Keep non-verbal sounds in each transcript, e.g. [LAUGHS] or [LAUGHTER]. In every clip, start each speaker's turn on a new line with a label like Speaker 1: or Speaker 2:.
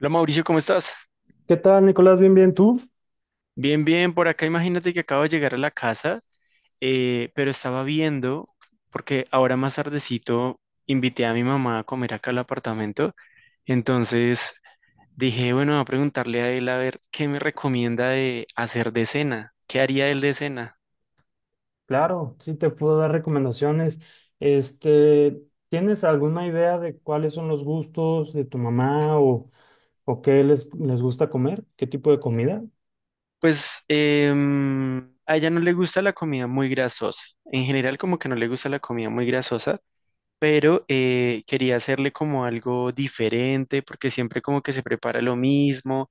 Speaker 1: Hola Mauricio, ¿cómo estás?
Speaker 2: ¿Qué tal, Nicolás? Bien, bien, ¿tú?
Speaker 1: Bien, bien, por acá imagínate que acabo de llegar a la casa, pero estaba viendo, porque ahora más tardecito invité a mi mamá a comer acá al apartamento, entonces dije, bueno, voy a preguntarle a él a ver qué me recomienda de hacer de cena, qué haría él de cena.
Speaker 2: Claro, sí te puedo dar recomendaciones. Este, ¿Tienes alguna idea de cuáles son los gustos de tu mamá o qué les gusta comer? ¿Qué tipo de comida?
Speaker 1: Pues a ella no le gusta la comida muy grasosa, en general como que no le gusta la comida muy grasosa, pero quería hacerle como algo diferente, porque siempre como que se prepara lo mismo.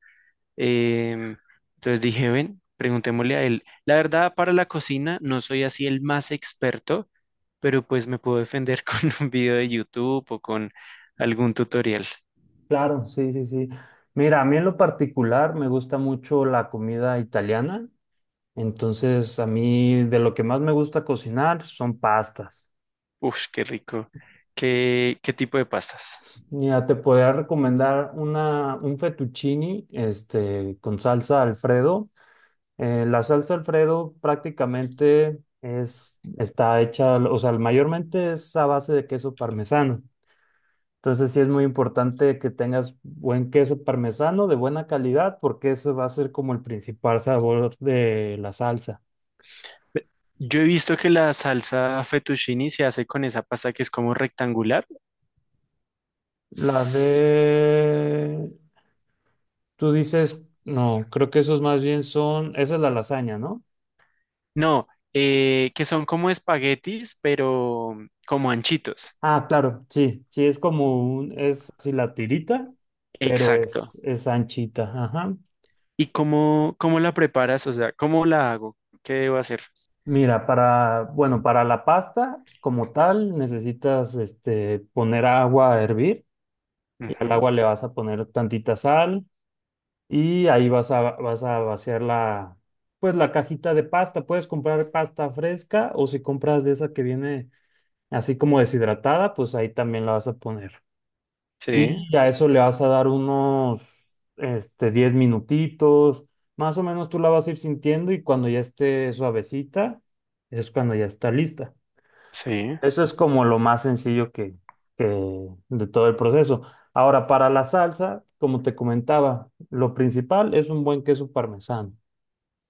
Speaker 1: em, entonces dije, ven, preguntémosle a él. La verdad, para la cocina no soy así el más experto, pero pues me puedo defender [LAUGHS] con un video de YouTube o con algún tutorial.
Speaker 2: Claro, sí, sí, sí. Mira, a mí en lo particular me gusta mucho la comida italiana. Entonces, a mí de lo que más me gusta cocinar son pastas.
Speaker 1: Uf, qué rico. Qué tipo de pastas?
Speaker 2: Mira, te podría recomendar un fettuccine, con salsa Alfredo. La salsa Alfredo prácticamente está hecha, o sea, mayormente es a base de queso parmesano. Entonces sí es muy importante que tengas buen queso parmesano de buena calidad porque ese va a ser como el principal sabor de la salsa.
Speaker 1: Yo he visto que la salsa fettuccine se hace con esa pasta que es como rectangular.
Speaker 2: La de... Tú dices, no, creo que esos más bien esa es la lasaña, ¿no?
Speaker 1: No, que son como espaguetis, pero como anchitos.
Speaker 2: Ah, claro, sí, sí, es como es así la tirita, pero
Speaker 1: Exacto.
Speaker 2: es anchita, ajá.
Speaker 1: ¿Y cómo la preparas? O sea, ¿cómo la hago? ¿Qué debo hacer?
Speaker 2: Mira, bueno, para la pasta como tal necesitas poner agua a hervir y al
Speaker 1: Ujú.
Speaker 2: agua le vas a poner tantita sal y ahí vas a vaciar pues la cajita de pasta. Puedes comprar pasta fresca o si compras de esa que viene así como deshidratada, pues ahí también la vas a poner.
Speaker 1: Sí,
Speaker 2: Y a eso le vas a dar unos 10 minutitos, más o menos tú la vas a ir sintiendo y cuando ya esté suavecita es cuando ya está lista.
Speaker 1: sí.
Speaker 2: Eso es como lo más sencillo que de todo el proceso. Ahora, para la salsa, como te comentaba, lo principal es un buen queso parmesano.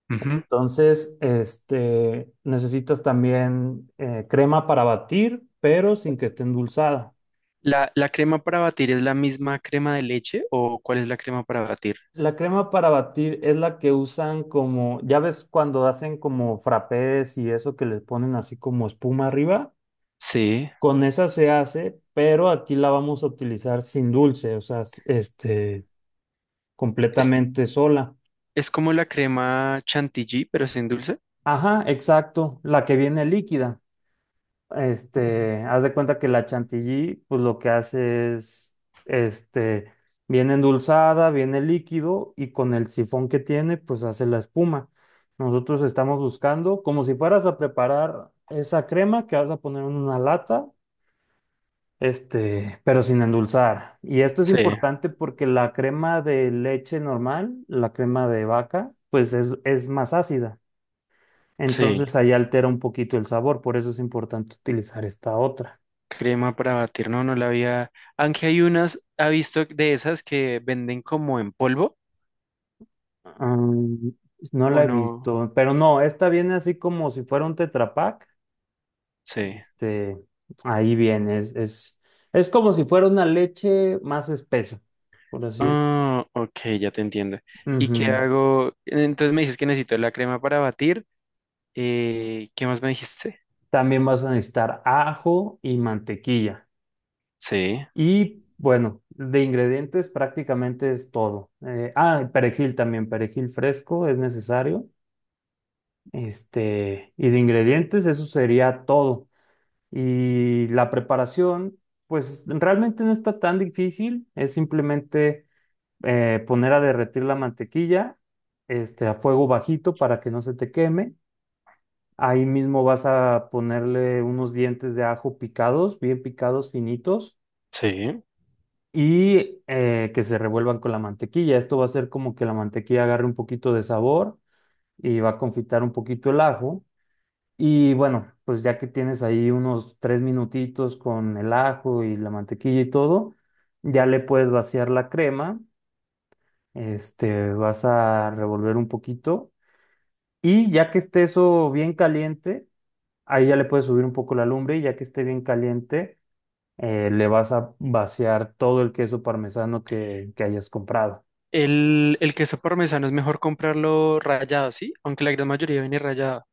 Speaker 1: Ujú.
Speaker 2: Entonces, necesitas también crema para batir, pero sin que esté endulzada.
Speaker 1: La crema para batir es la misma crema de leche o cuál es la crema para batir?
Speaker 2: La crema para batir es la que usan como, ya ves cuando hacen como frappés y eso que les ponen así como espuma arriba.
Speaker 1: Sí.
Speaker 2: Con esa se hace, pero aquí la vamos a utilizar sin dulce, o sea,
Speaker 1: Es,
Speaker 2: completamente sola.
Speaker 1: es como la crema chantilly, pero sin dulce.
Speaker 2: Ajá, exacto, la que viene líquida. Haz de cuenta que la chantilly, pues lo que hace es, este, viene endulzada, viene líquido y con el sifón que tiene, pues hace la espuma. Nosotros estamos buscando, como si fueras a preparar esa crema que vas a poner en una lata, pero sin endulzar. Y esto es
Speaker 1: Sí,
Speaker 2: importante porque la crema de leche normal, la crema de vaca, pues es más ácida.
Speaker 1: sí.
Speaker 2: Entonces ahí altera un poquito el sabor, por eso es importante utilizar esta otra.
Speaker 1: Crema para batir, no, no la había. Aunque hay unas, ¿ha visto de esas que venden como en polvo
Speaker 2: Mm, no
Speaker 1: o
Speaker 2: la he
Speaker 1: no?
Speaker 2: visto, pero no, esta viene así como si fuera un Tetra Pak.
Speaker 1: Sí.
Speaker 2: Este, ahí viene, es como si fuera una leche más espesa, por así es.
Speaker 1: Ah, ok, ya te entiendo. ¿Y qué
Speaker 2: Ujú.
Speaker 1: hago? Entonces me dices que necesito la crema para batir. ¿Qué más me dijiste?
Speaker 2: También vas a necesitar ajo y mantequilla.
Speaker 1: Sí,
Speaker 2: Y bueno, de ingredientes prácticamente es todo. Perejil también, perejil fresco es necesario. Y de ingredientes, eso sería todo. Y la preparación, pues realmente no está tan difícil, es simplemente poner a derretir la mantequilla, a fuego bajito para que no se te queme. Ahí mismo vas a ponerle unos dientes de ajo picados, bien picados, finitos,
Speaker 1: sí.
Speaker 2: y que se revuelvan con la mantequilla. Esto va a hacer como que la mantequilla agarre un poquito de sabor y va a confitar un poquito el ajo. Y bueno, pues ya que tienes ahí unos 3 minutitos con el ajo y la mantequilla y todo, ya le puedes vaciar la crema, vas a revolver un poquito y ya que esté eso bien caliente, ahí ya le puedes subir un poco la lumbre y ya que esté bien caliente, le vas a vaciar todo el queso parmesano que hayas comprado.
Speaker 1: ¿El, el queso parmesano es mejor comprarlo rallado, sí? Aunque la gran mayoría viene rallado.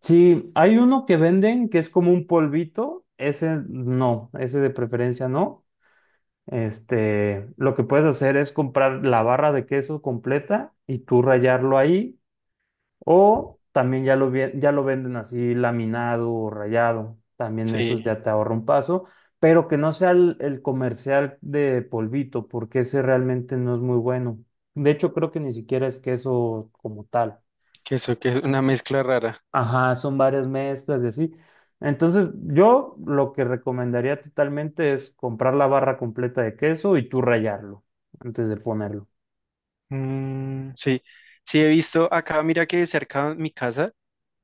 Speaker 2: Sí, hay uno que venden que es como un polvito, ese no, ese de preferencia no. Lo que puedes hacer es comprar la barra de queso completa y tú rayarlo ahí, o también ya lo ya lo venden así laminado o rayado. También eso
Speaker 1: Sí,
Speaker 2: ya te ahorra un paso, pero que no sea el comercial de polvito, porque ese realmente no es muy bueno. De hecho, creo que ni siquiera es queso como tal.
Speaker 1: queso que es una mezcla rara.
Speaker 2: Ajá, son varias mezclas y así. Entonces, yo lo que recomendaría totalmente es comprar la barra completa de queso y tú rallarlo antes de ponerlo.
Speaker 1: Mm, sí, sí he visto acá, mira que cerca de mi casa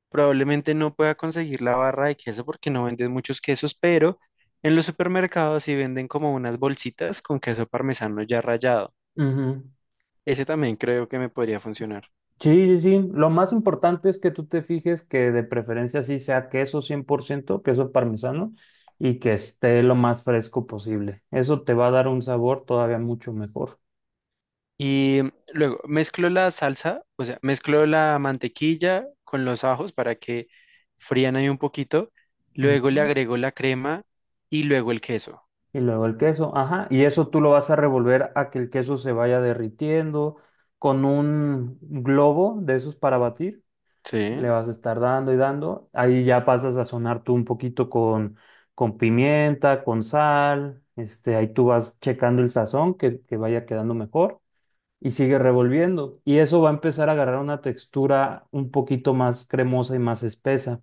Speaker 1: probablemente no pueda conseguir la barra de queso porque no venden muchos quesos, pero en los supermercados sí venden como unas bolsitas con queso parmesano ya rallado.
Speaker 2: Ujú.
Speaker 1: Ese también creo que me podría funcionar.
Speaker 2: Sí, sí, sí. Lo más importante es que tú te fijes que de preferencia sí sea queso 100% queso parmesano, y que esté lo más fresco posible. Eso te va a dar un sabor todavía mucho mejor.
Speaker 1: Y luego mezclo la salsa, o sea, mezclo la mantequilla con los ajos para que frían ahí un poquito. Luego le
Speaker 2: Ujú.
Speaker 1: agrego la crema y luego el queso.
Speaker 2: Y luego el queso, ajá, y eso tú lo vas a revolver a que el queso se vaya derritiendo con un globo de esos para batir, le
Speaker 1: Sí,
Speaker 2: vas a estar dando y dando, ahí ya pasas a sazonar tú un poquito con pimienta, con sal, ahí tú vas checando el sazón que vaya quedando mejor y sigue revolviendo y eso va a empezar a agarrar una textura un poquito más cremosa y más espesa.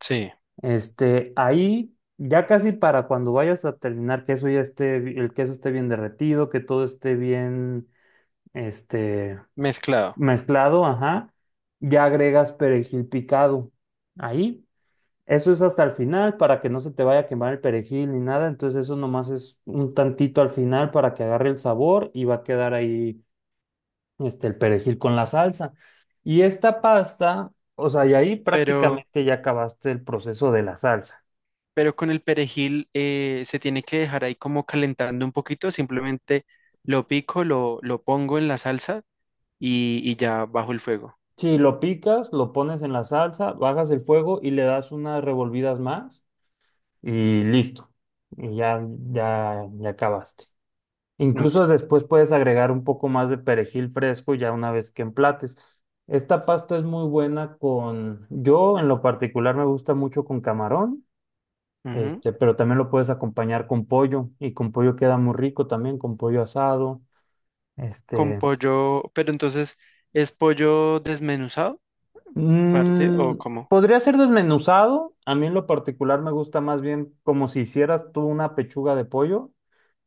Speaker 1: sí,
Speaker 2: Ahí ya casi para cuando vayas a terminar, que eso ya esté, el queso esté bien derretido, que todo esté bien, este,
Speaker 1: mezclado.
Speaker 2: mezclado, ajá, ya agregas perejil picado. Ahí, eso es hasta el final para que no se te vaya a quemar el perejil ni nada, entonces eso nomás es un tantito al final para que agarre el sabor y va a quedar ahí, el perejil con la salsa. Y esta pasta, o sea, y ahí
Speaker 1: Pero
Speaker 2: prácticamente ya acabaste el proceso de la salsa.
Speaker 1: pero con el perejil se tiene que dejar ahí como calentando un poquito, simplemente lo pico, lo pongo en la salsa y ya bajo el fuego.
Speaker 2: Si lo picas, lo pones en la salsa, bajas el fuego y le das unas revolvidas más y listo. Y ya, ya acabaste.
Speaker 1: Ok.
Speaker 2: Incluso después puedes agregar un poco más de perejil fresco ya una vez que emplates. Esta pasta es muy buena con, yo en lo particular me gusta mucho con camarón,
Speaker 1: Ujú.
Speaker 2: pero también lo puedes acompañar con pollo y con pollo queda muy rico también, con pollo asado.
Speaker 1: Con
Speaker 2: Este,
Speaker 1: pollo, pero entonces, ¿es pollo desmenuzado, parte o
Speaker 2: Mm,
Speaker 1: cómo?
Speaker 2: podría ser desmenuzado. A mí en lo particular me gusta más bien como si hicieras tú una pechuga de pollo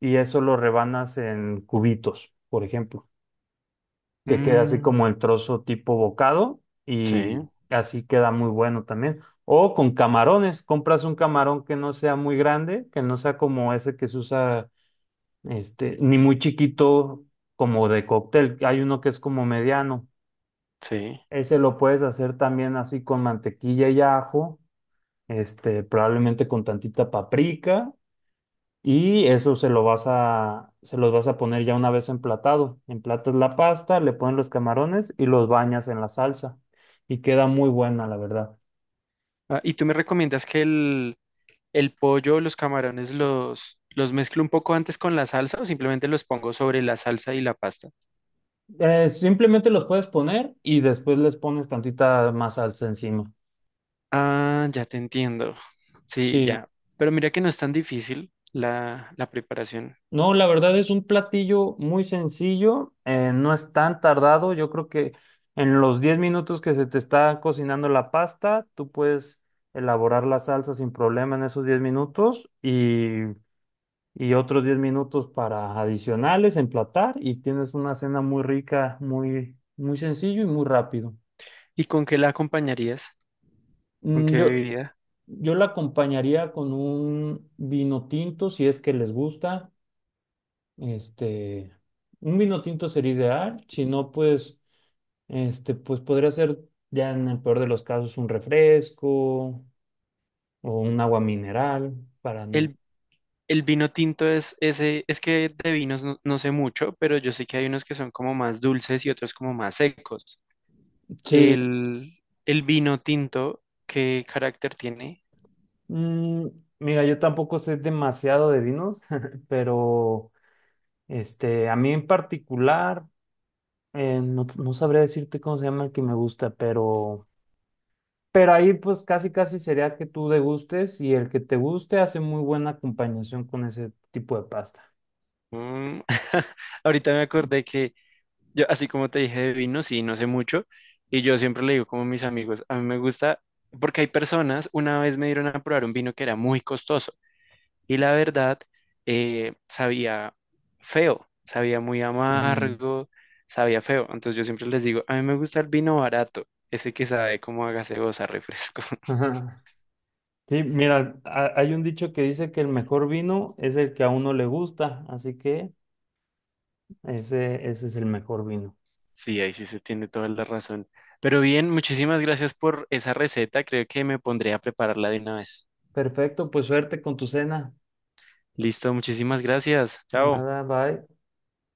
Speaker 2: y eso lo rebanas en cubitos, por ejemplo, que queda así
Speaker 1: Mm,
Speaker 2: como el trozo tipo bocado
Speaker 1: sí,
Speaker 2: y así queda muy bueno también. O con camarones, compras un camarón que no sea muy grande, que no sea como ese que se usa, ni muy chiquito como de cóctel. Hay uno que es como mediano,
Speaker 1: sí.
Speaker 2: ese lo puedes hacer también así con mantequilla y ajo, probablemente con tantita paprika y eso se los vas a poner ya una vez emplatado. Emplatas la pasta, le pones los camarones y los bañas en la salsa y queda muy buena, la verdad.
Speaker 1: Ah, ¿y tú me recomiendas que el pollo, los camarones, los mezclo un poco antes con la salsa o simplemente los pongo sobre la salsa y la pasta?
Speaker 2: Simplemente los puedes poner y después les pones tantita más salsa encima.
Speaker 1: Ah, ya te entiendo. Sí,
Speaker 2: Sí.
Speaker 1: ya. Pero mira que no es tan difícil la preparación.
Speaker 2: No, la verdad es un platillo muy sencillo, no es tan tardado. Yo creo que en los 10 minutos que se te está cocinando la pasta, tú puedes elaborar la salsa sin problema en esos 10 minutos y otros 10 minutos para adicionales, emplatar y tienes una cena muy rica, muy sencillo y muy rápido.
Speaker 1: ¿Y con qué la acompañarías? ¿Con
Speaker 2: Mm,
Speaker 1: qué
Speaker 2: Yo,
Speaker 1: bebida?
Speaker 2: yo la acompañaría con un vino tinto si es que les gusta. Este, un vino tinto sería ideal, si no, pues podría ser ya en el peor de los casos un refresco o un agua mineral para no.
Speaker 1: ¿El, el vino tinto es ese? Es que de vinos no, no sé mucho, pero yo sé que hay unos que son como más dulces y otros como más secos.
Speaker 2: Sí,
Speaker 1: El vino tinto, ¿qué carácter tiene?
Speaker 2: mm, mira, yo tampoco sé demasiado de vinos, [LAUGHS] pero a mí en particular, no sabría decirte cómo se llama el que me gusta, pero ahí pues casi casi sería que tú degustes y el que te guste hace muy buena acompañación con ese tipo de pasta.
Speaker 1: Mm. [LAUGHS] Ahorita me acordé que yo, así como te dije de vino, sí, no sé mucho, y yo siempre le digo como a mis amigos, a mí me gusta, porque hay personas, una vez me dieron a probar un vino que era muy costoso, y la verdad, sabía feo, sabía muy
Speaker 2: Ujú.
Speaker 1: amargo, sabía feo, entonces yo siempre les digo, a mí me gusta el vino barato, ese que sabe como a gaseosa, refresco. [LAUGHS]
Speaker 2: Ajá. Sí, mira, hay un dicho que dice que el mejor vino es el que a uno le gusta, así que ese es el mejor vino.
Speaker 1: Sí, ahí sí se tiene toda la razón. Pero bien, muchísimas gracias por esa receta, creo que me pondré a prepararla de una vez.
Speaker 2: Perfecto, pues suerte con tu cena.
Speaker 1: Listo, muchísimas gracias.
Speaker 2: De
Speaker 1: Chao.
Speaker 2: nada, bye.